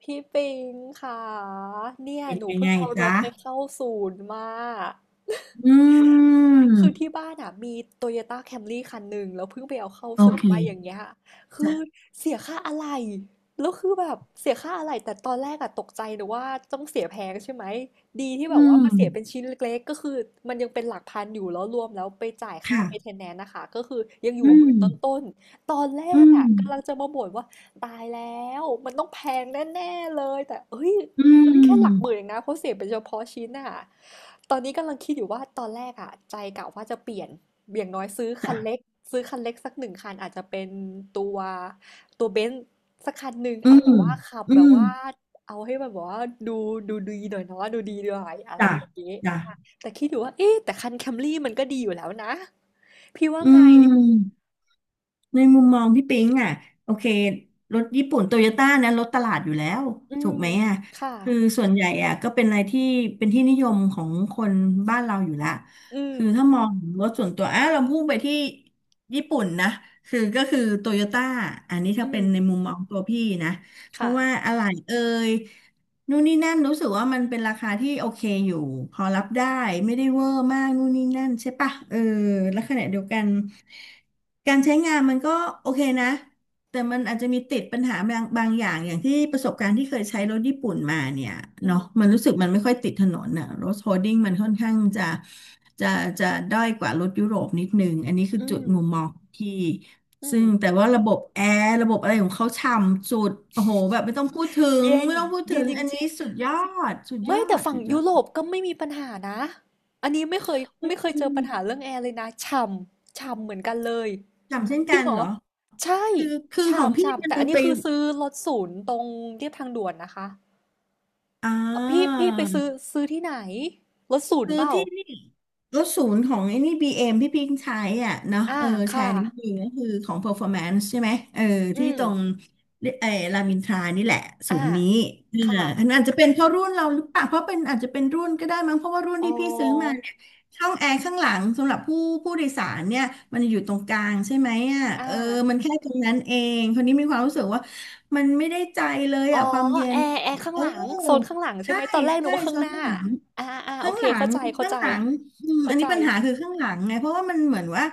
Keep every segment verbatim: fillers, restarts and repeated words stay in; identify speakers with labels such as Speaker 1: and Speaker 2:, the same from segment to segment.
Speaker 1: พี่ปิงค่ะเนี่ย
Speaker 2: เป็น
Speaker 1: หนู
Speaker 2: ยัง
Speaker 1: เพิ่
Speaker 2: ไง
Speaker 1: งเอาร
Speaker 2: จ๊ะ
Speaker 1: ถไปเข้าศูนย์มา
Speaker 2: อื
Speaker 1: คือที่
Speaker 2: ม
Speaker 1: บ้านอ่ะมีโตโยต้าแคมรี่คันหนึ่งแล้วเพิ่งไปเอาเข้า
Speaker 2: โอ
Speaker 1: ศูน
Speaker 2: เค
Speaker 1: ย์มาอย่างเงี้ยคือ
Speaker 2: จ้ะ
Speaker 1: เสียค่าอะไหล่แล้วคือแบบเสียค่าอะไหล่แต่ตอนแรกอะตกใจหนูว่าต้องเสียแพงใช่ไหมดีที่แบบ
Speaker 2: อื
Speaker 1: ว่า
Speaker 2: ม
Speaker 1: มาเสียเป็นชิ้นเล็กๆก็คือมันยังเป็นหลักพันอยู่แล้วรวมแล้วไปจ่ายค่า
Speaker 2: ค่ะ
Speaker 1: เม i n t นแนน n นะคะก็คือยังอยู่
Speaker 2: อื
Speaker 1: หมื่
Speaker 2: ม
Speaker 1: นต้นๆตอนแร
Speaker 2: อื
Speaker 1: กอะ
Speaker 2: ม
Speaker 1: กำลังจะมาบ่นว่าตายแล้วมันต้องแพงแน่ๆเลยแต่เอ้ย
Speaker 2: อื
Speaker 1: แค่หลักหมื่นเอ
Speaker 2: ม
Speaker 1: งนะเขาเสียเป็นเฉพาะชิ้นน่ะตอนนี้กำลังคิดอยู่ว่าตอนแรกอะใจกะว่าจะเปลี่ยนอย่างน้อยซื้อคั
Speaker 2: จ้ะ
Speaker 1: นเล็กซื้อคันเล็กสักหนึ่งคันอาจจะเป็นตัวตัวเบนซ์สักคันหนึ่ง
Speaker 2: อื
Speaker 1: เอาแบ
Speaker 2: ม
Speaker 1: บว่าขับ
Speaker 2: อื
Speaker 1: แบบ
Speaker 2: ม
Speaker 1: ว่าเอาให้มันแบบว่าดูดูดีหน่อยเนาะดูดีหน่อยอะไร
Speaker 2: จ้ะ
Speaker 1: อย่างนี้
Speaker 2: จ้ะ
Speaker 1: อ่ะแต่คิดอยู่ว่าเอ๊ะแต่คันแคมรี่มันก็ดีอยู่แล้วนะพี่ว่า
Speaker 2: อื
Speaker 1: ไง
Speaker 2: ม ในมุมมองพี่ปิ๊งอ่ะโอเครถญี่ปุ่นโตโยต้านะรถตลาดอยู่แล้ว
Speaker 1: อื
Speaker 2: ถูก
Speaker 1: ม
Speaker 2: ไหมอ่ะ
Speaker 1: ค่ะ
Speaker 2: คือส่วนใหญ่อ่ะก็เป็นอะไรที่เป็นที่นิยมของคนบ้านเราอยู่ละ
Speaker 1: อืม
Speaker 2: คือถ้ามองถึงรถส่วนตัวอ่ะเราพุ่งไปที่ญี่ปุ่นนะคือก็คือโตโยต้าอันนี้
Speaker 1: อื
Speaker 2: ถ้า
Speaker 1: ม
Speaker 2: เป็นในมุมมองตัวพี่นะเพ
Speaker 1: ค่ะ
Speaker 2: ราะว่าอะไหล่เอ่ย นู่นนี่นั่นรู้สึกว่ามันเป็นราคาที่โอเคอยู่พอรับได้ไม่ได้เวอร์มากนู่นนี่นั่นใช่ปะเออแล้วขณะเดียวกันการใช้งานมันก็โอเคนะ แต่มันอาจจะมีติดปัญหาบางบางอย่างอย่างที่ประสบการณ์ที่เคยใช้รถญี่ปุ่นมาเนี่ย
Speaker 1: อื
Speaker 2: เนาะ
Speaker 1: ม
Speaker 2: มันรู้สึกมันไม่ค่อยติดถนนน่ะรถโฮดดิ้งมันค่อนข้างจะจะจะด้อยกว่ารถยุโรปนิดนึงอันนี้คือ
Speaker 1: อื
Speaker 2: จุด
Speaker 1: ม
Speaker 2: มุมมองที่
Speaker 1: อื
Speaker 2: ซึ่
Speaker 1: ม
Speaker 2: งแต่ว่าระบบแอร์ระบบอะไรของเขาฉ่ำสุดโอ้โหแบบไม่ต้องพูดถึง
Speaker 1: เย็น
Speaker 2: ไม่ต้องพูดถึ
Speaker 1: เย็น
Speaker 2: ง
Speaker 1: จ
Speaker 2: อัน
Speaker 1: ริ
Speaker 2: นี้
Speaker 1: ง
Speaker 2: สุดยอดสุดย
Speaker 1: ไม่
Speaker 2: อ
Speaker 1: แต่
Speaker 2: ด
Speaker 1: ฝั่
Speaker 2: สุ
Speaker 1: ง
Speaker 2: ดยอ
Speaker 1: ยุโร
Speaker 2: ด
Speaker 1: ปก็ไม่มีปัญหานะอันนี้ไม่เคยไม่เคย
Speaker 2: อื
Speaker 1: เจอปัญ
Speaker 2: ม
Speaker 1: หาเรื่องแอร์เลยนะฉ่ำฉ่ำเหมือนกันเลย
Speaker 2: ฉ่ำเช่น
Speaker 1: จริ
Speaker 2: กั
Speaker 1: ง
Speaker 2: น
Speaker 1: เหร
Speaker 2: เห
Speaker 1: อ
Speaker 2: รอ
Speaker 1: ใช่
Speaker 2: คือคือของ
Speaker 1: ฉ่ำ
Speaker 2: พี่
Speaker 1: ฉ่ำ
Speaker 2: มัน
Speaker 1: แต่อันนี้
Speaker 2: ไป
Speaker 1: คือซื้อรถศูนย์ตรงเรียบทางด่วนนะคะ
Speaker 2: อ่
Speaker 1: เอ่อพี่พี่ไปซื้อ
Speaker 2: า
Speaker 1: ซื้อที่ไหนรถศูนย์
Speaker 2: ซื้อ
Speaker 1: เปล่า
Speaker 2: ที่นี่รถศูนย์ของไอ้นี่บีเอ็มที่พิงใช้อ่ะเนาะ
Speaker 1: อ่า
Speaker 2: เออแช
Speaker 1: ค่ะ
Speaker 2: ร์นี้ดีก็คือของ performance ใช่ไหมเออ
Speaker 1: อื
Speaker 2: ที่
Speaker 1: ม
Speaker 2: ตรงเออรามอินทรานี่แหละศู
Speaker 1: อ่า
Speaker 2: นย์นี้เออ
Speaker 1: ค่ะ
Speaker 2: อันอาจจะเป็นเพราะรุ่นเราหรือเปล่าเพราะเป็นอาจจะเป็นรุ่นก็ได้มั้งเพราะว่ารุ่น
Speaker 1: อ๋อ
Speaker 2: ที่พี่ซื้อมาเนี่ยช่องแอร์ข้างหลังสำหรับผู้ผู้โดยสารเนี่ยมันอยู่ตรงกลางใช่ไหมอ่ะ
Speaker 1: อ่า
Speaker 2: เออมันแค่ตรงนั้นเองคนนี้มีความรู้สึกว่ามันไม่ได้ใจเลย
Speaker 1: อ๋อ
Speaker 2: อ่ะความเย็
Speaker 1: แอ
Speaker 2: น
Speaker 1: ร์แอร์ข้าง
Speaker 2: เออ
Speaker 1: หลังโซนข้างหลังใช่
Speaker 2: ใช่
Speaker 1: ไหมตอนแรกหนู
Speaker 2: ใช่
Speaker 1: ว่าข้า
Speaker 2: โซ
Speaker 1: งห
Speaker 2: น
Speaker 1: น้า
Speaker 2: ข้างหลัง
Speaker 1: อ่าอ่าโอ
Speaker 2: ข้าง
Speaker 1: เค
Speaker 2: หลั
Speaker 1: เข้า
Speaker 2: ง
Speaker 1: ใจเข้า
Speaker 2: ข้าง
Speaker 1: ใจ
Speaker 2: หลังอืมอั
Speaker 1: เข้า
Speaker 2: นนี้
Speaker 1: ใจ
Speaker 2: ปัญหาคือข้างหลังไงเพราะว่ามันเหมือนว่า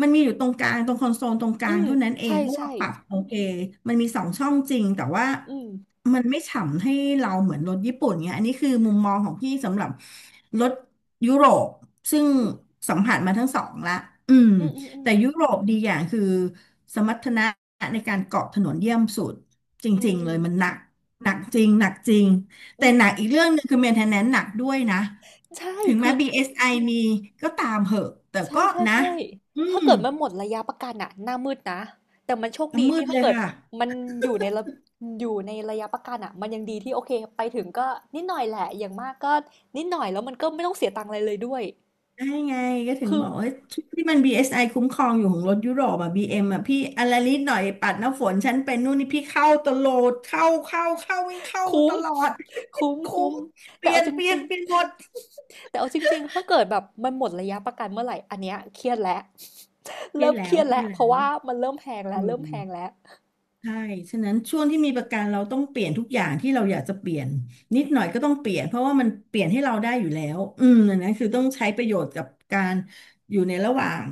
Speaker 2: มันมีอยู่ตรงกลางตรงคอนโซลตรงกลา
Speaker 1: อื
Speaker 2: ง
Speaker 1: ม
Speaker 2: เท่านั้นเอง
Speaker 1: ใช่
Speaker 2: ถ้า
Speaker 1: ใช่
Speaker 2: เราปรับโอเคมันมีสองช่องจริงแต่ว่า
Speaker 1: อืม
Speaker 2: มันไม่ฉ่ำให้เราเหมือนรถญี่ปุ่นเงี้ยอันนี้คือมุมมองของพี่สำหรับรถยุโรปซึ่ง
Speaker 1: อืม
Speaker 2: สัมผัสมาทั้งสองละอืม
Speaker 1: อืมอืม
Speaker 2: แต่ยุโรปดีอย่างคือสมรรถนะในการเกาะถนนเยี่ยมสุดจ
Speaker 1: อื
Speaker 2: ริง
Speaker 1: ม
Speaker 2: ๆเลยมันหนักหนักจริงหนักจริง
Speaker 1: อื
Speaker 2: แต่หนัก
Speaker 1: ม
Speaker 2: อีกเรื่องหนึ่งคือ maintenance หนักด้วยนะ
Speaker 1: ใช่
Speaker 2: ถึง
Speaker 1: คื
Speaker 2: แม้
Speaker 1: อ
Speaker 2: บี เอส ไอ มีก็ตามเหอะแต่
Speaker 1: ใช่
Speaker 2: ก็
Speaker 1: ใช่
Speaker 2: นะ
Speaker 1: ใช่
Speaker 2: อื
Speaker 1: ถ้า
Speaker 2: ม
Speaker 1: เกิดมันหมดระยะประกันอ่ะหน้ามืดนะแต่มันโชคดี
Speaker 2: มื
Speaker 1: ที่
Speaker 2: ดเล
Speaker 1: ถ้า
Speaker 2: ย
Speaker 1: เกิด
Speaker 2: ค่ะ
Speaker 1: มันอยู่ในระอยู่ในระยะประกันอะมันยังดีที่โอเคไปถึงก็นิดหน่อยแหละอย่างมากก็นิดหน่อยแล้วมันก็ไม่ต้องเสียตังค์อะไรเลยด้วย
Speaker 2: ได้ไงก็ถึง
Speaker 1: คือ
Speaker 2: บอกว่าชุดที่มัน บี เอส ไอ คุ้มครองอยู่ของรถยุโรปอ่ะ บี เอ็ม อมอ่ะพี่อะไรนิดหน่อยปัดน้ำฝนฉันเป็นนู่นนี่พี่เข้าตลอดเข้าเข้าเข้าวิ่งเข้า
Speaker 1: คุ้
Speaker 2: ต
Speaker 1: ม
Speaker 2: ลอด
Speaker 1: คุ้ม
Speaker 2: คุ้
Speaker 1: คุ้ม
Speaker 2: มเป
Speaker 1: แต่
Speaker 2: ลี่ย
Speaker 1: เอา
Speaker 2: น
Speaker 1: จ
Speaker 2: เปลี่ย
Speaker 1: ริ
Speaker 2: น
Speaker 1: ง
Speaker 2: เปลี่ยนหมด
Speaker 1: ๆแต่เอาจริงๆถ้าเกิดแบบมันหมดระยะประกันเมื่อไหร่อันเนี้ยเครียดแล้ว
Speaker 2: เครีย
Speaker 1: เริ่
Speaker 2: ด
Speaker 1: มเค
Speaker 2: แล้
Speaker 1: รี
Speaker 2: ว
Speaker 1: ยด
Speaker 2: เครี
Speaker 1: แล้
Speaker 2: ย
Speaker 1: ว
Speaker 2: ด
Speaker 1: เพ
Speaker 2: แล้
Speaker 1: ราะ
Speaker 2: ว
Speaker 1: ว่ามันเริ่มแพงแล้ว
Speaker 2: อื
Speaker 1: เริ่มแพง
Speaker 2: ม
Speaker 1: แล้ว
Speaker 2: ใช่ ฉะนั้นช่วงที่มีประกันเราต้องเปลี่ยนทุกอย่างที่เราอยากจะเปลี่ยนนิดหน่อยก็ต้องเปลี่ยนเพราะว่ามันเปลี่ยนให้เราได้อยู่แล้ว อืมอันนั้นคือต้องใช้ประโยชน์กับการอยู่ในระหว่าง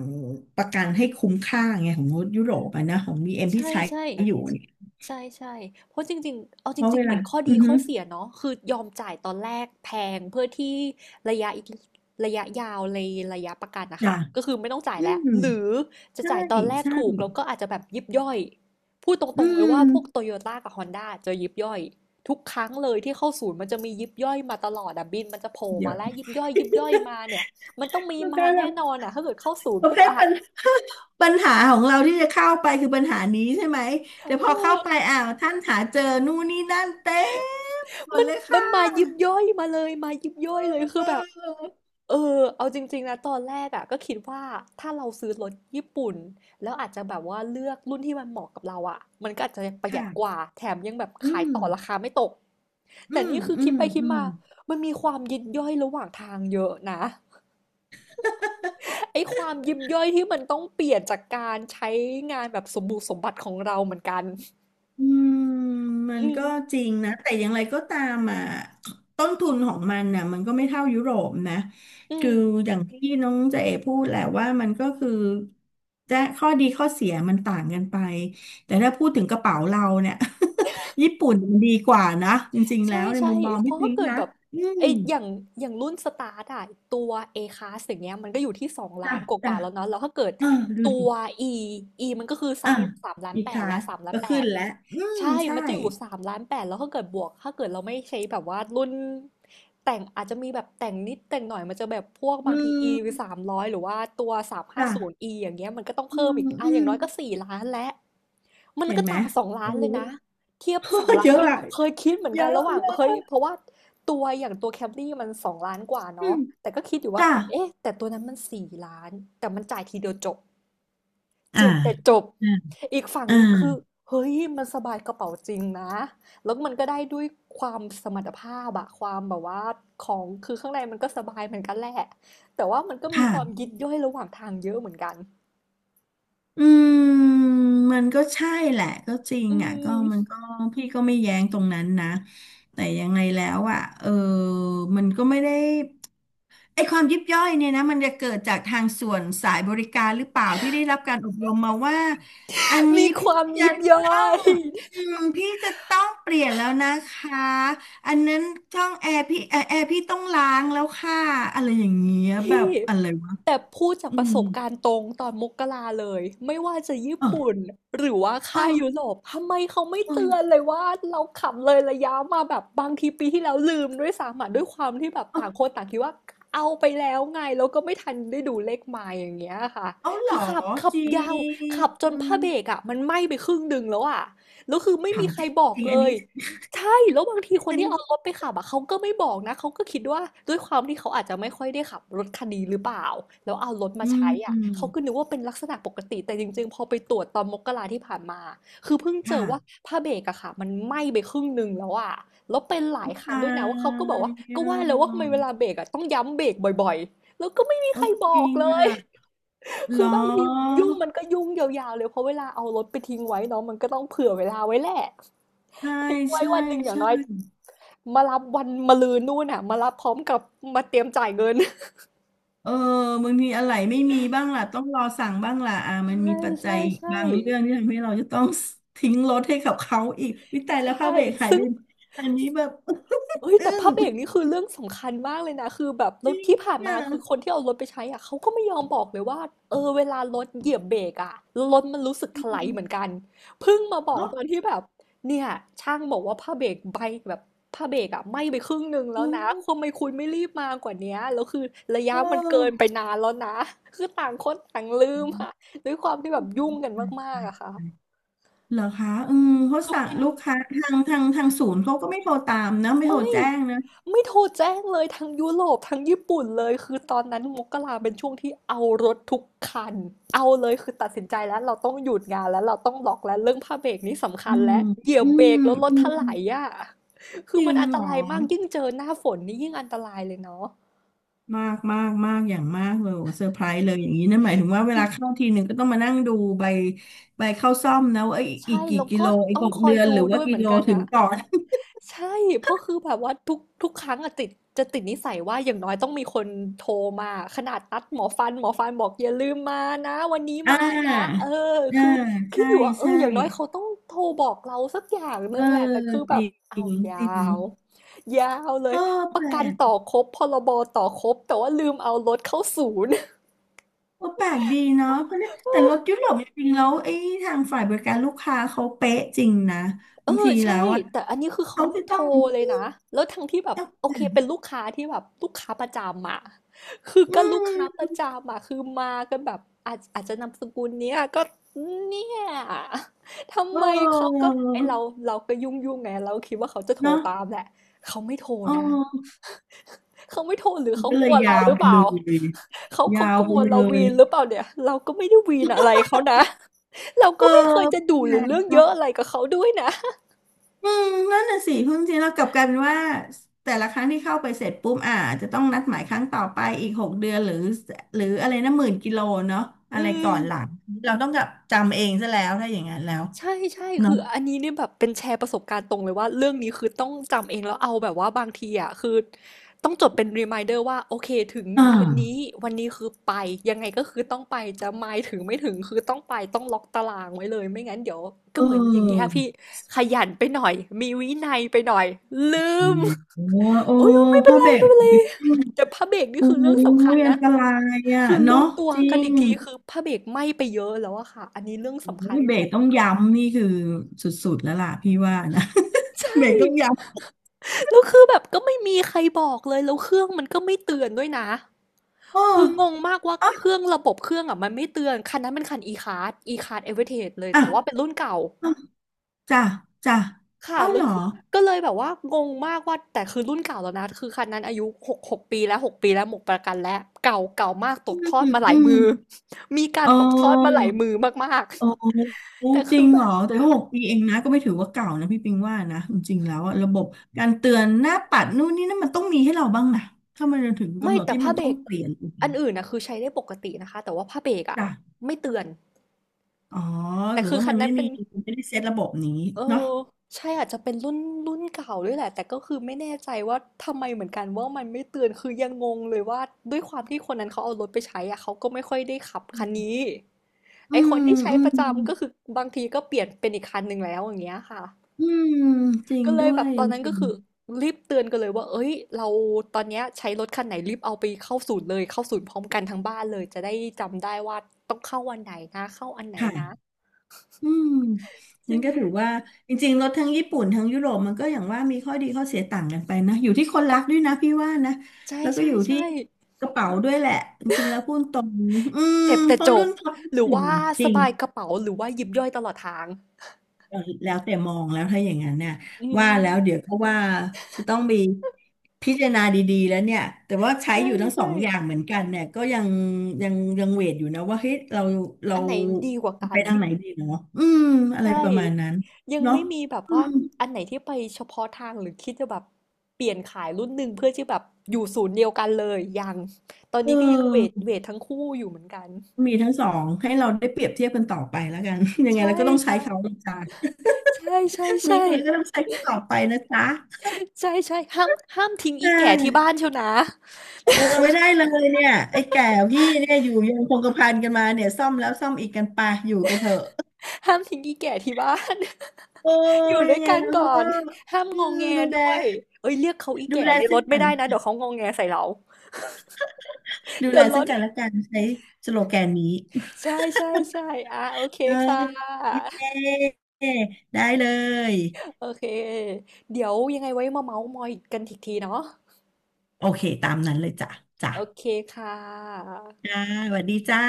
Speaker 2: ประกันให้คุ้มค่าไงของรถยุโรปอะนะของ b มที่
Speaker 1: ใช่
Speaker 2: ใช้
Speaker 1: ใช่
Speaker 2: อยู่เนี่ย
Speaker 1: ใช่ๆเพราะจริงๆเอาจ
Speaker 2: เพราะ
Speaker 1: ริ
Speaker 2: เว
Speaker 1: งๆเห
Speaker 2: ลา
Speaker 1: มือนข้อ
Speaker 2: อื
Speaker 1: ดี
Speaker 2: อฮึ
Speaker 1: ข้อเสียเนาะคือยอมจ่ายตอนแรกแพงเพื่อที่ระยะอีกระยะยาวในระยะประกันนะคะ
Speaker 2: จ้ะ
Speaker 1: ก็คือไม่ต้องจ่าย
Speaker 2: อื
Speaker 1: แล้ว
Speaker 2: ม
Speaker 1: หรือจะ
Speaker 2: ใช่
Speaker 1: จ่ายตอนแรก
Speaker 2: ใช่
Speaker 1: ถูกแล้วก็อาจจะแบบยิบย่อยพูดต
Speaker 2: อื
Speaker 1: รงๆเลยว่า
Speaker 2: ม
Speaker 1: พวกโตโยต้ากับฮอนด้าจะยิบย่อยทุกครั้งเลยที่เข้าศูนย์มันจะมียิบย่อยมาตลอดอะบินมันจะโผล่
Speaker 2: เดี๋ย
Speaker 1: มา
Speaker 2: ว
Speaker 1: แล้วยิบย่อยยบย่อยมาเนี่ยมันต้องมี
Speaker 2: ไม่เป็
Speaker 1: มา
Speaker 2: นไร
Speaker 1: แน่นอนอะถ้าเกิดเข้าศูน
Speaker 2: ป
Speaker 1: ย์
Speaker 2: ระเภ
Speaker 1: ปุ๊บ
Speaker 2: ท
Speaker 1: อะ
Speaker 2: ปัญ ปัญหาของเราที่จะเข้าไปคือปัญหานี้ใช่ไหม
Speaker 1: เ
Speaker 2: แต่พอเข้าไป
Speaker 1: ออ
Speaker 2: อ้าวท่านหาเจอนู่นนี่นั่นเต็มหมด
Speaker 1: มัน
Speaker 2: เลย
Speaker 1: มันมา
Speaker 2: ค่ะ
Speaker 1: ยิบย่อยมาเลยมายิบย่อยเลยคื
Speaker 2: เ
Speaker 1: อแบบ
Speaker 2: ออ
Speaker 1: เออเอาจริงๆนะตอนแรกอ่ะก็คิดว่าถ้าเราซื้อรถญี่ปุ่นแล้วอาจจะแบบว่าเลือกรุ่นที่มันเหมาะกับเราอ่ะมันก็อาจจะประหยัดก
Speaker 2: ค่ะ
Speaker 1: ว่าแถมยังแบบ
Speaker 2: อื
Speaker 1: ขาย
Speaker 2: ม
Speaker 1: ต่อราคาไม่ตก
Speaker 2: อื
Speaker 1: แต่
Speaker 2: ม
Speaker 1: นี่คือ
Speaker 2: อื
Speaker 1: คิด
Speaker 2: ม
Speaker 1: ไปคิด
Speaker 2: อืม
Speaker 1: มามันมีความยิบย่อยระหว่างทางเยอะนะไอ้ความยิบย่อยที่มันต้องเปลี่ยนจากการใช้งานแบบสมบูรณ์สมบัติของเราเหมือนกัน
Speaker 2: อืมมัน
Speaker 1: อืม
Speaker 2: ก็จริงนะแต่อย่างไรก็ตามอ่ะต้นทุนของมันน่ะมันก็ไม่เท่ายุโรปนะ
Speaker 1: อื
Speaker 2: คื
Speaker 1: ม
Speaker 2: ออย่างที่น้องเจเอพูดแหละว่ามันก็คือจะข้อดีข้อเสียมันต่างกันไปแต่ถ้าพูดถึงกระเป๋าเราเนี่ย ญี่ปุ่นมันดีกว่านะจริงๆแล้
Speaker 1: ใช่
Speaker 2: วใน
Speaker 1: ใช่
Speaker 2: มุมมอง
Speaker 1: เพ
Speaker 2: พี่
Speaker 1: ราะ
Speaker 2: ปิ๊
Speaker 1: ถ้า
Speaker 2: ง
Speaker 1: เกิด
Speaker 2: นะ
Speaker 1: แบบ
Speaker 2: อืม
Speaker 1: ไออย่างอย่างรุ่นสตาร์ทอะตัว เอ คลาส อย่างเงี้ยมันก็อยู่ที่สองล้า
Speaker 2: จ้ะ
Speaker 1: นก
Speaker 2: จ้ะ
Speaker 1: ว่าๆแล้วเนาะแล้วถ้าเกิด
Speaker 2: อ่าดู
Speaker 1: ตั
Speaker 2: ดิ
Speaker 1: ว E E มันก็คือ
Speaker 2: อ่า
Speaker 1: สามสามล้าน
Speaker 2: อี
Speaker 1: แป
Speaker 2: ค
Speaker 1: ด
Speaker 2: ลา
Speaker 1: และ
Speaker 2: ส
Speaker 1: สามล้าน
Speaker 2: ก็
Speaker 1: แป
Speaker 2: ขึ้น
Speaker 1: ด
Speaker 2: แล้วอืม
Speaker 1: ใช่
Speaker 2: ใช่
Speaker 1: มันจะอยู่สามล้านแปดแล้วถ้าเกิดบวกถ้าเกิดเราไม่ใช้แบบว่ารุ่นแต่งอาจจะมีแบบแต่งนิดแต่งหน่อยมันจะแบบพวก
Speaker 2: อื
Speaker 1: บางที E
Speaker 2: ม
Speaker 1: สามร้อยหรือว่าตัวสามห้า
Speaker 2: จ้ะ
Speaker 1: ศูนย์ E อย่างเงี้ยมันก็ต้อง
Speaker 2: อื
Speaker 1: เพิ่มอี
Speaker 2: ม
Speaker 1: กอ่ะ
Speaker 2: อื
Speaker 1: อย่าง
Speaker 2: ม
Speaker 1: น้อยก็สี่ล้านและมัน
Speaker 2: เห็
Speaker 1: ก็
Speaker 2: นไหม
Speaker 1: ต่างสองล้า
Speaker 2: โอ้
Speaker 1: นเลยนะ เทียบสอง ล้าน
Speaker 2: เยอะ
Speaker 1: เคย
Speaker 2: อะ
Speaker 1: เคยคิดเหมือน
Speaker 2: เย
Speaker 1: กั
Speaker 2: อะ
Speaker 1: นระหว่าง
Speaker 2: เย
Speaker 1: เฮ้ย
Speaker 2: อะ
Speaker 1: เพราะว่าตัวอย่างตัว แคมรี่ มันสองล้านกว่า
Speaker 2: อื
Speaker 1: เนาะ
Speaker 2: ม
Speaker 1: แต่ก็คิดอยู่ว่า
Speaker 2: จ้ะ
Speaker 1: เอ๊ะแต่ตัวนั้นมันสี่ล้านแต่มันจ่ายทีเดียวจบ
Speaker 2: อ่า
Speaker 1: เจ็บแต่จบ
Speaker 2: อ่า
Speaker 1: อีกฝั่ง
Speaker 2: อ่า
Speaker 1: หนึ่งคือเฮ้ยมันสบายกระเป๋าจริงนะแล้วมันก็ได้ด้วยความสมรรถภาพอะความแบบว่าของคือข้างในมันก็สบายเหมือนกันแหละแต่ว่ามันก็มีความ
Speaker 2: ค่ะ
Speaker 1: ยิบย่อยระหว่างทางเยอะเหมือนกัน
Speaker 2: อืมมันก็ใช่แหละก็จริง
Speaker 1: อื
Speaker 2: อ่ะก็
Speaker 1: ม
Speaker 2: มันก็พี่ก็ไม่แย้งตรงนั้นนะแต่ยังไงแล้วอ่ะเออมันก็ไม่ได้ ไอความยิบย่อยเนี่ยนะมันจะเกิดจากทางส่วนสายบริการหรือเปล่าที่ได้รับการอบรมมาว่าอันนี้
Speaker 1: มีค
Speaker 2: พี่
Speaker 1: วาม
Speaker 2: จะ
Speaker 1: ยิบย่อ
Speaker 2: ต้อง
Speaker 1: ย
Speaker 2: อืมพี่จะต้องเปลี่ยนแล้วนะคะอันนั้นช่องแอร์พี่แอร์แอร์พี่ต้องล้างแล้วค่ะอะไรอย่างเงี้ยแบ
Speaker 1: พี่
Speaker 2: บอะไรวะ
Speaker 1: แต่พูดจาก
Speaker 2: อื
Speaker 1: ประ
Speaker 2: ม
Speaker 1: สบการณ์ตรงตอนมกราเลยไม่ว่าจะญี่
Speaker 2: เออ
Speaker 1: ปุ่นหรือว่า
Speaker 2: เอ
Speaker 1: ค่ายยุโร
Speaker 2: อ
Speaker 1: ปทำไมเขาไม่เตือน
Speaker 2: เออ
Speaker 1: เลยว่าเราขับเลยระยะมาแบบบางทีปีที่แล้วลืมด้วยซ้ำอะด้วยความที่แบบ
Speaker 2: เอ
Speaker 1: ต่า
Speaker 2: อ
Speaker 1: งคนต่างคิดว่าเอาไปแล้วไงแล้วก็ไม่ทันได้ดูเลขไมล์อย่างเงี้ยค่ะ
Speaker 2: เอาเหร
Speaker 1: คือ
Speaker 2: อ
Speaker 1: ขับขับ
Speaker 2: จริ
Speaker 1: ยาว
Speaker 2: ง
Speaker 1: ขับจ
Speaker 2: อื
Speaker 1: นผ้า
Speaker 2: ม
Speaker 1: เบรกอะมันไหม้ไปครึ่งหนึ่งแล้วอะแล้วคือไม่
Speaker 2: ถา
Speaker 1: มี
Speaker 2: ม
Speaker 1: ใค
Speaker 2: จ
Speaker 1: ร
Speaker 2: ร
Speaker 1: บอก
Speaker 2: ิง
Speaker 1: เล
Speaker 2: อัน
Speaker 1: ย
Speaker 2: นี้
Speaker 1: ใช่แล้วบางทีคน
Speaker 2: อัน
Speaker 1: ที่
Speaker 2: นี้
Speaker 1: เอารถไปขับอะเขาก็ไม่บอกนะเขาก็คิดว่าด้วยความที่เขาอาจจะไม่ค่อยได้ขับรถคันนี้หรือเปล่าแล้วเอารถมา
Speaker 2: อืม
Speaker 1: ใช้
Speaker 2: อื
Speaker 1: อะ
Speaker 2: ม
Speaker 1: เขาก็นึกว่าเป็นลักษณะปกติแต่จริงๆพอไปตรวจตอนมกราที่ผ่านมาคือเพิ่งเจอว่า
Speaker 2: ค่ะ
Speaker 1: ผ้าเบรกอะค่ะมันไหม้ไปครึ่งหนึ่งแล้วอะแล้วเป็นหลายคัน
Speaker 2: ตา
Speaker 1: ด้วยนะว่าเขาก็บอก
Speaker 2: ย
Speaker 1: ว่า
Speaker 2: เนี่
Speaker 1: ก็ว่าแล้วว่าทำไม
Speaker 2: ย
Speaker 1: เวลาเบรกอะต้องย้ำเบรกบ่อยๆแล้วก็ไม่มี
Speaker 2: โอ้
Speaker 1: ใครบ
Speaker 2: จ
Speaker 1: อ
Speaker 2: ริ
Speaker 1: ก
Speaker 2: ง
Speaker 1: เลย
Speaker 2: อ่ะ เห
Speaker 1: คื
Speaker 2: ร
Speaker 1: อบางที
Speaker 2: อ
Speaker 1: ยุ่งมันก็ยุ่งยาวๆเลยเพราะเวลาเอารถไปทิ้งไว้เนาะมันก็ต้องเผื่อเวลาไว้แหละ
Speaker 2: ใช่
Speaker 1: ทิ้งไว้
Speaker 2: ใช่
Speaker 1: วันหนึ่งอย่าง
Speaker 2: ใช่
Speaker 1: น้อยมารับวันมะรืนนู่นน่ะมารับพร้อมกับมาเตรียมจ่ายเงิน
Speaker 2: เออมันมีอะไรไม่มีบ้างล่ะต้องรอสั่งบ้างล่ะอ่ามันมี
Speaker 1: ใช่
Speaker 2: ปัจจั
Speaker 1: ใช่
Speaker 2: ย
Speaker 1: ใช่
Speaker 2: บางเรื่องที่ทำให้เราจะต้อง ทิ้งรถให้กับเขาอีกวิตาย
Speaker 1: ใช
Speaker 2: แล้วผ้า
Speaker 1: ่
Speaker 2: เบรกหาย
Speaker 1: ซึ่
Speaker 2: ไป
Speaker 1: ง
Speaker 2: อันนี้แบบ
Speaker 1: เฮ้ย
Speaker 2: อึ้
Speaker 1: แต่พ
Speaker 2: ง
Speaker 1: ระเอกนี่คือเรื่องสำคัญมากเลยนะคือแบบ
Speaker 2: จ
Speaker 1: รถ
Speaker 2: ริง
Speaker 1: ที่ผ่านมา
Speaker 2: เนี่ย
Speaker 1: คือคนที่เอารถไปใช้อะเขาก็ไม่ยอมบอกเลยว่าเออเวลารถเหยียบเบรกอะรถมันรู้สึก
Speaker 2: อ
Speaker 1: ถลายเหมื
Speaker 2: ม
Speaker 1: อนกันเพิ่งมาบอ
Speaker 2: อ๋
Speaker 1: ก
Speaker 2: อ
Speaker 1: ตอนที่แบบเนี่ยช่างบอกว่าผ้าเบรกใบแบบผ้าเบรกอะไหม้ไปครึ่งหนึ่งแล้ว
Speaker 2: โอ้
Speaker 1: นะ
Speaker 2: โ
Speaker 1: ทำไมคุณไม่รีบมากว่าเนี้ยแล้วคือระยะมันเกิน
Speaker 2: ห
Speaker 1: ไปนานแล้วนะคือต่างคนต่างลืมอะด้วยความที่แบบยุ่งกัน
Speaker 2: ไป
Speaker 1: มา
Speaker 2: ไป
Speaker 1: กๆอะค่ะ
Speaker 2: ไปเหรอคะอืมเขา
Speaker 1: คือ
Speaker 2: สั่ง
Speaker 1: เป็น
Speaker 2: ลูกค้าทางทางทางศูนย์เขาก็ไม่โทรตามนะไม่โทร
Speaker 1: ไม่
Speaker 2: แจ้งนะ
Speaker 1: ไม่โทรแจ้งเลยทั้งยุโรปทั้งญี่ปุ่นเลยคือตอนนั้นมกราเป็นช่วงที่เอารถทุกคันเอาเลยคือตัดสินใจแล้วเราต้องหยุดงานแล้วเราต้องล็อกแล้วเรื่องผ้าเบรกนี่สำ
Speaker 2: อื
Speaker 1: คัญ
Speaker 2: ม
Speaker 1: แล้วเหยียบ
Speaker 2: อื
Speaker 1: เบร
Speaker 2: ม
Speaker 1: กแล้วรถ
Speaker 2: อื
Speaker 1: ถ
Speaker 2: ม
Speaker 1: ลายอ่ะคื
Speaker 2: จ
Speaker 1: อ
Speaker 2: ริ
Speaker 1: มัน
Speaker 2: ง
Speaker 1: อัน
Speaker 2: เห
Speaker 1: ต
Speaker 2: รอ
Speaker 1: รายมากยิ่งเจอหน้าฝนนี่ยิ่งอันตรายเลยเนาะ
Speaker 2: มากมากมากอย่างมากเลยโอ้เซอร์ไพรส์เลยอย่างนี้นั่นหมายถึงว่าเว
Speaker 1: จริ
Speaker 2: ลา
Speaker 1: ง
Speaker 2: เข้าทีหนึ่งก็ต้องมานั่งดูใบใบเข้าซ่อมนะว่าไอ้อี
Speaker 1: ใช่
Speaker 2: กกี่
Speaker 1: แล้ว
Speaker 2: กิ
Speaker 1: ก็
Speaker 2: โลอีก
Speaker 1: ต้อง
Speaker 2: หก
Speaker 1: คอ
Speaker 2: เดื
Speaker 1: ย
Speaker 2: อน
Speaker 1: ดู
Speaker 2: หรือว่า
Speaker 1: ด้วยเห
Speaker 2: กิ
Speaker 1: มือน
Speaker 2: โล
Speaker 1: กัน
Speaker 2: ถึง
Speaker 1: นะ
Speaker 2: ก่อน
Speaker 1: ใช่เพราะคือแบบว่าทุกทุกครั้งอะติดจะติดนิสัยว่าอย่างน้อยต้องมีคนโทรมาขนาดนัดหมอฟันหมอฟันบอกอย่าลืมมานะวันนี้
Speaker 2: อ่
Speaker 1: มานะ
Speaker 2: า
Speaker 1: เออ
Speaker 2: อ่า
Speaker 1: คือคิด
Speaker 2: ใช่
Speaker 1: อยู่ว่าเออ
Speaker 2: ใช่
Speaker 1: อย่างน้อยเขาต้องโทรบอกเราสักอย่างหนึ
Speaker 2: เออ
Speaker 1: งแหละแต่คือ
Speaker 2: จ
Speaker 1: แบ
Speaker 2: ริ
Speaker 1: บ
Speaker 2: งจ
Speaker 1: เอา
Speaker 2: ริง
Speaker 1: ยา
Speaker 2: จริง
Speaker 1: วยาวเล
Speaker 2: เอ
Speaker 1: ย
Speaker 2: อ
Speaker 1: ป
Speaker 2: แป
Speaker 1: ระ
Speaker 2: ล
Speaker 1: กันต่อ
Speaker 2: ก
Speaker 1: ครบพรบต่อครบแต่ว่าลืมเอารถเข้าศูนย์
Speaker 2: โอ้แปลกดีเนาะเพราะเนี่ยแต่รถยุโรปจริงๆแล้วไอ้ทางฝ่ายบริการลูกค้าเขาเป๊ะจริงนะ
Speaker 1: เอ
Speaker 2: บาง
Speaker 1: อ
Speaker 2: ที
Speaker 1: ใช่
Speaker 2: แล้วอ่ะ
Speaker 1: แต่อันนี้คือเขา
Speaker 2: เขา
Speaker 1: ไม่
Speaker 2: จะ
Speaker 1: โท
Speaker 2: ต้อ
Speaker 1: ร
Speaker 2: ง
Speaker 1: เลยนะแล้วทั้งที่แบบโอเคเป็นลูก ค้าที่แบบลูกค้าประจำอ่ะ คือ
Speaker 2: อื
Speaker 1: ก็ลูกค้าประ
Speaker 2: ม
Speaker 1: จำอะคือมากันแบบอาจอาจจะนามสกุลเนี้ยก็เนี่ย
Speaker 2: เ
Speaker 1: ทำไมเขา
Speaker 2: ออ
Speaker 1: ก็ไอเราเราก็ยุ่งยุ่งไงเราคิดว่าเขาจะโทร
Speaker 2: เนาะ
Speaker 1: ตามแหละเขาไม่โทร
Speaker 2: อ
Speaker 1: นะ
Speaker 2: ออ
Speaker 1: เขาไม่โทรหรือ
Speaker 2: มัน
Speaker 1: เขา
Speaker 2: ก็เล
Speaker 1: กลั
Speaker 2: ย
Speaker 1: วเรา
Speaker 2: ยาว
Speaker 1: หรือ
Speaker 2: ไป
Speaker 1: เป
Speaker 2: เล
Speaker 1: ล่า
Speaker 2: ย
Speaker 1: เขาเขา
Speaker 2: ยาว
Speaker 1: กลั
Speaker 2: ไป
Speaker 1: ว
Speaker 2: เล
Speaker 1: เรา
Speaker 2: ย
Speaker 1: วีนหรือเปล่าเนี่ยเราก็ไม่ได้วีนอะไรเขานะ เรา
Speaker 2: เอ
Speaker 1: ก็
Speaker 2: อ
Speaker 1: ไม่เคยจะดุ
Speaker 2: แป
Speaker 1: ห
Speaker 2: ล
Speaker 1: รือ
Speaker 2: ก
Speaker 1: เรื่องเยอะอะ
Speaker 2: อะ
Speaker 1: ไรกับเขาด้วยนะ
Speaker 2: อืมนั่นน่ะสิคุณจริงๆเรากลับกลายเป็นว่าแต่ละครั้งที่เข้าไปเสร็จปุ๊บอ่าจะต้องนัดหมายครั้งต่อไปอีกหกเดือนหรือหรืออะไรนะหมื่นกิโลเนาะ
Speaker 1: อื
Speaker 2: อะไรก่อ
Speaker 1: ม
Speaker 2: นหลังเราต้องกับจำเองซะแล้วถ้าอย่างนั้นแล้ว
Speaker 1: ใช่ๆคื
Speaker 2: เนาะ
Speaker 1: ออันนี้เนี่ยแบบเป็นแชร์ประสบการณ์ตรงเลยว่าเรื่องนี้คือต้องจำเองแล้วเอาแบบว่าบางทีอะคือต้องจดเป็น reminder ว่าโอเคถึง
Speaker 2: อ่
Speaker 1: เดือนนี้
Speaker 2: า
Speaker 1: วันนี้คือไปยังไงก็คือต้องไปจะไม่ถึงไม่ถึงคือต้องไปต้องล็อกตารางไว้เลยไม่งั้นเดี๋ยว
Speaker 2: เ
Speaker 1: ก็เหมือนอย่างเงี้ย
Speaker 2: ออ
Speaker 1: พี่ขยันไปหน่อยมีวินัยไปหน่อยลืม
Speaker 2: เนี่ยโอ้โอ้
Speaker 1: โอ้ยไม่เป็
Speaker 2: พ่
Speaker 1: น
Speaker 2: อ
Speaker 1: ไร
Speaker 2: เบรก
Speaker 1: ไม่เป็นไรแต่พราเบรกนี่
Speaker 2: โอ้
Speaker 1: คือเรื่องสำคัญ
Speaker 2: ยอั
Speaker 1: นะ
Speaker 2: นตรายอ่ะ
Speaker 1: คือ
Speaker 2: เนาะ
Speaker 1: รู้ตัว
Speaker 2: จริ
Speaker 1: กัน
Speaker 2: ง
Speaker 1: อีกทีคือพราเบรกไหม้ไปเยอะแล้วอะค่ะอันนี้เรื่องสำ
Speaker 2: โอ้
Speaker 1: คัญ
Speaker 2: ย
Speaker 1: เหมื
Speaker 2: เบ
Speaker 1: อ
Speaker 2: ร
Speaker 1: นกั
Speaker 2: ก
Speaker 1: น
Speaker 2: ต้องย้ำนี่คือสุดๆแล้วล่ะพี่ว่านะ
Speaker 1: ใช่
Speaker 2: เบรกต้องยาว
Speaker 1: แล้วคือแบบก็ไม่มีใครบอกเลยแล้วเครื่องมันก็ไม่เตือนด้วยนะ
Speaker 2: โอ้
Speaker 1: คืองงมากว่าเครื่องระบบเครื่องอะมันไม่เตือนคันนั้นเป็นคัน e-card e-card heritage เลยแต่ว่าเป็
Speaker 2: อ่ะ
Speaker 1: นรุ่นเก่า
Speaker 2: อ้าวจ้ะจ้ะ
Speaker 1: ค่ะ
Speaker 2: อ๋อ
Speaker 1: แล้
Speaker 2: เหร
Speaker 1: ว
Speaker 2: อ
Speaker 1: คือก็เลยแบบว่างงมากว่าแต่คือรุ่นเก่าแล้วนะคือคันนั้นอายุหกหกปีแล้วหกปีแล้วหมดประกันแล้วเก่าเก่ามากต
Speaker 2: อื
Speaker 1: กทอด
Speaker 2: ม
Speaker 1: มาหลา
Speaker 2: อื
Speaker 1: ย
Speaker 2: ม
Speaker 1: มือมีกา
Speaker 2: เ
Speaker 1: รตกทอดมาห
Speaker 2: ออ
Speaker 1: ลายมือมาก
Speaker 2: เออ
Speaker 1: ๆแต่
Speaker 2: จ
Speaker 1: คื
Speaker 2: ริ
Speaker 1: อ
Speaker 2: ง
Speaker 1: แบ
Speaker 2: เหร
Speaker 1: บ
Speaker 2: อ แต่หกปีเองนะ ก็ไม่ถือว่าเก่านะพี่ปิงว่านะจริงๆแล้วอะระบบการเตือนหน้าปัดนู่นนี่นั่นมันต้องมีให้เราบ้างนะ ถ้ามันถึงกำ
Speaker 1: ไม่
Speaker 2: หนด
Speaker 1: แต่
Speaker 2: ที่มั
Speaker 1: ผ้า
Speaker 2: น
Speaker 1: เบร
Speaker 2: ต้อง
Speaker 1: ก
Speaker 2: เปลี่ยน
Speaker 1: อันอื่นนะคือใช้ได้ปกตินะคะแต่ว่าผ้าเบรกอะ
Speaker 2: จ้ะ
Speaker 1: ไม่เตือน
Speaker 2: อ๋อ
Speaker 1: แต่
Speaker 2: หรือ
Speaker 1: คือ
Speaker 2: ว่า
Speaker 1: คั
Speaker 2: มั
Speaker 1: น
Speaker 2: น
Speaker 1: นั้
Speaker 2: ไม่
Speaker 1: นเป็
Speaker 2: มี
Speaker 1: น
Speaker 2: ไม่ได้เซตระบบนี้
Speaker 1: เอ
Speaker 2: เนาะ
Speaker 1: อใช่อาจจะเป็นรุ่นรุ่นเก่าด้วยแหละแต่ก็คือไม่แน่ใจว่าทำไมเหมือนกันว่ามันไม่เตือนคือยังงงเลยว่าด้วยความที่คนนั้นเขาเอารถไปใช้อะเขาก็ไม่ค่อยได้ขับคันนี้ไอ
Speaker 2: อื
Speaker 1: ค
Speaker 2: ม
Speaker 1: นที่ใช้
Speaker 2: อื
Speaker 1: ป
Speaker 2: ม
Speaker 1: ระจำก็คือบางทีก็เปลี่ยนเป็นอีกคันหนึ่งแล้วอย่างเงี้ยค่ะ
Speaker 2: อืมจริง
Speaker 1: ก็เล
Speaker 2: ด้
Speaker 1: ย
Speaker 2: ว
Speaker 1: แบ
Speaker 2: ย
Speaker 1: บต
Speaker 2: จ
Speaker 1: อนนั้น
Speaker 2: ริ
Speaker 1: ก็
Speaker 2: ง
Speaker 1: คือรีบเตือนกันเลยว่าเอ้ยเราตอนเนี้ยใช้รถคันไหนรีบเอาไปเข้าศูนย์เลยเข้าศูนย์พร้อมกันทั้งบ้านเลยจะได้จำได้ว่าต้องเข้าวันไหนนะเข้าอันไหนนะ
Speaker 2: ค่ะ อืม
Speaker 1: จ
Speaker 2: นั่
Speaker 1: ริ
Speaker 2: น
Speaker 1: ง
Speaker 2: ก็ถือว่าจริงๆรถทั้งญี่ปุ่นทั้งยุโรปมันก็อย่างว่ามีข้อดีข้อเสียต่างกันไปนะอยู่ที่คนรักด้วยนะพี่ว่านะ
Speaker 1: ใช่
Speaker 2: แล้วก็
Speaker 1: ใช่
Speaker 2: อยู่ที่
Speaker 1: ใช่
Speaker 2: กระเป๋าด้วยแหละจริงๆแล้วพูดตรงอืม
Speaker 1: เจ็บแต่
Speaker 2: เพราะ
Speaker 1: จ
Speaker 2: รุ่
Speaker 1: บ
Speaker 2: นท็อปญี่
Speaker 1: หรือ
Speaker 2: ปุ่น
Speaker 1: ว่า
Speaker 2: จ
Speaker 1: ส
Speaker 2: ริง
Speaker 1: บายกระเป๋าหรือว่ายิบย่อยตลอดทาง
Speaker 2: เออแล้วแต่มองแล้วถ้าอย่างนั้นเนี่ย
Speaker 1: อื
Speaker 2: ว่า
Speaker 1: ม
Speaker 2: แล้วเดี๋ยวก็ว่าจะต้องมีพิจารณาดีๆแล้วเนี่ยแต่ว่าใช้
Speaker 1: ใช่
Speaker 2: อยู่ทั้งส
Speaker 1: ใช่
Speaker 2: องอย่างเหมือนกันเนี่ยก็ยังยังยังเวทอยู่นะว่าเฮ้ยเราเรา
Speaker 1: อันไหนดีกว่ากั
Speaker 2: ไป
Speaker 1: น
Speaker 2: ทางไหนดีเนาะอืมอะไร
Speaker 1: ใช่
Speaker 2: ประมาณนั้น
Speaker 1: ยัง
Speaker 2: เนาะ
Speaker 1: ไม่มีแบบ
Speaker 2: อื
Speaker 1: ว่า
Speaker 2: ม
Speaker 1: อันไหนที่ไปเฉพาะทางหรือคิดจะแบบเปลี่ยนขายรุ่นหนึ่งเพื่อที่แบบอยู่ศูนย์เดียวกันเลยยังตอน
Speaker 2: เ
Speaker 1: นี้ก็ยังเวท
Speaker 2: ออ
Speaker 1: เวททั้งคู่อยู่เหมือนกัน
Speaker 2: มีทั้งสองให้เราได้เปรียบเทียบกันต่อไปแล้วกัน ยังไง
Speaker 1: ใช่
Speaker 2: เราก็ต้องใช้
Speaker 1: ค่ะ
Speaker 2: เขานะจ๊ะ
Speaker 1: ใช่ใช่
Speaker 2: มี
Speaker 1: ใช่
Speaker 2: คนเราก็ต้องใช้เขาต่อไปนะจ๊ะ
Speaker 1: ใช่ใช่ห้ามห้ามทิ้ง
Speaker 2: ใช
Speaker 1: อีแก่ที่บ้า
Speaker 2: ่
Speaker 1: นเชียวนะ
Speaker 2: เออไม่ได้เลยเนี่ยไอ้แก่พี่เนี่ยอยู่ยังคงกระพันกันมาเนี่ยซ่อมแล้วซ่อมอีกกันไปอยู่ไปเถอะ
Speaker 1: ห้ามทิ้งอีแก่ที่บ้าน
Speaker 2: โอ้
Speaker 1: อยู่ด้
Speaker 2: ยั
Speaker 1: วย
Speaker 2: งไง
Speaker 1: กัน
Speaker 2: นะ
Speaker 1: ก่อ
Speaker 2: เขาก็
Speaker 1: น ห้าม
Speaker 2: อื
Speaker 1: งอง
Speaker 2: ม
Speaker 1: แง
Speaker 2: ดู
Speaker 1: ด้
Speaker 2: แล
Speaker 1: วย เอ้ยเรียกเขาอี
Speaker 2: ดู
Speaker 1: แก่
Speaker 2: แล
Speaker 1: ในร
Speaker 2: ซึ่ง
Speaker 1: ถไม่
Speaker 2: กัน
Speaker 1: ได้
Speaker 2: แ
Speaker 1: นะเดี๋
Speaker 2: ละ
Speaker 1: ยวเขางองแงใส่เรา
Speaker 2: ดู
Speaker 1: เดี๋
Speaker 2: แล
Speaker 1: ยวร
Speaker 2: ซึ่ง
Speaker 1: ถ
Speaker 2: กันและกันใช้สโลแกนนี้
Speaker 1: ใช่ใช่ใช่อ่ะโอเค
Speaker 2: เออ
Speaker 1: ค่ะ
Speaker 2: เย้ได้เลย
Speaker 1: โอเคเดี๋ยวยังไงไว้มาเมาส์มอยกันอีกทีเนาะ
Speaker 2: โอเคตามนั้นเลยจ้ะจ้ะ
Speaker 1: โอเคค่ะ
Speaker 2: จ้าสวัสดีจ้า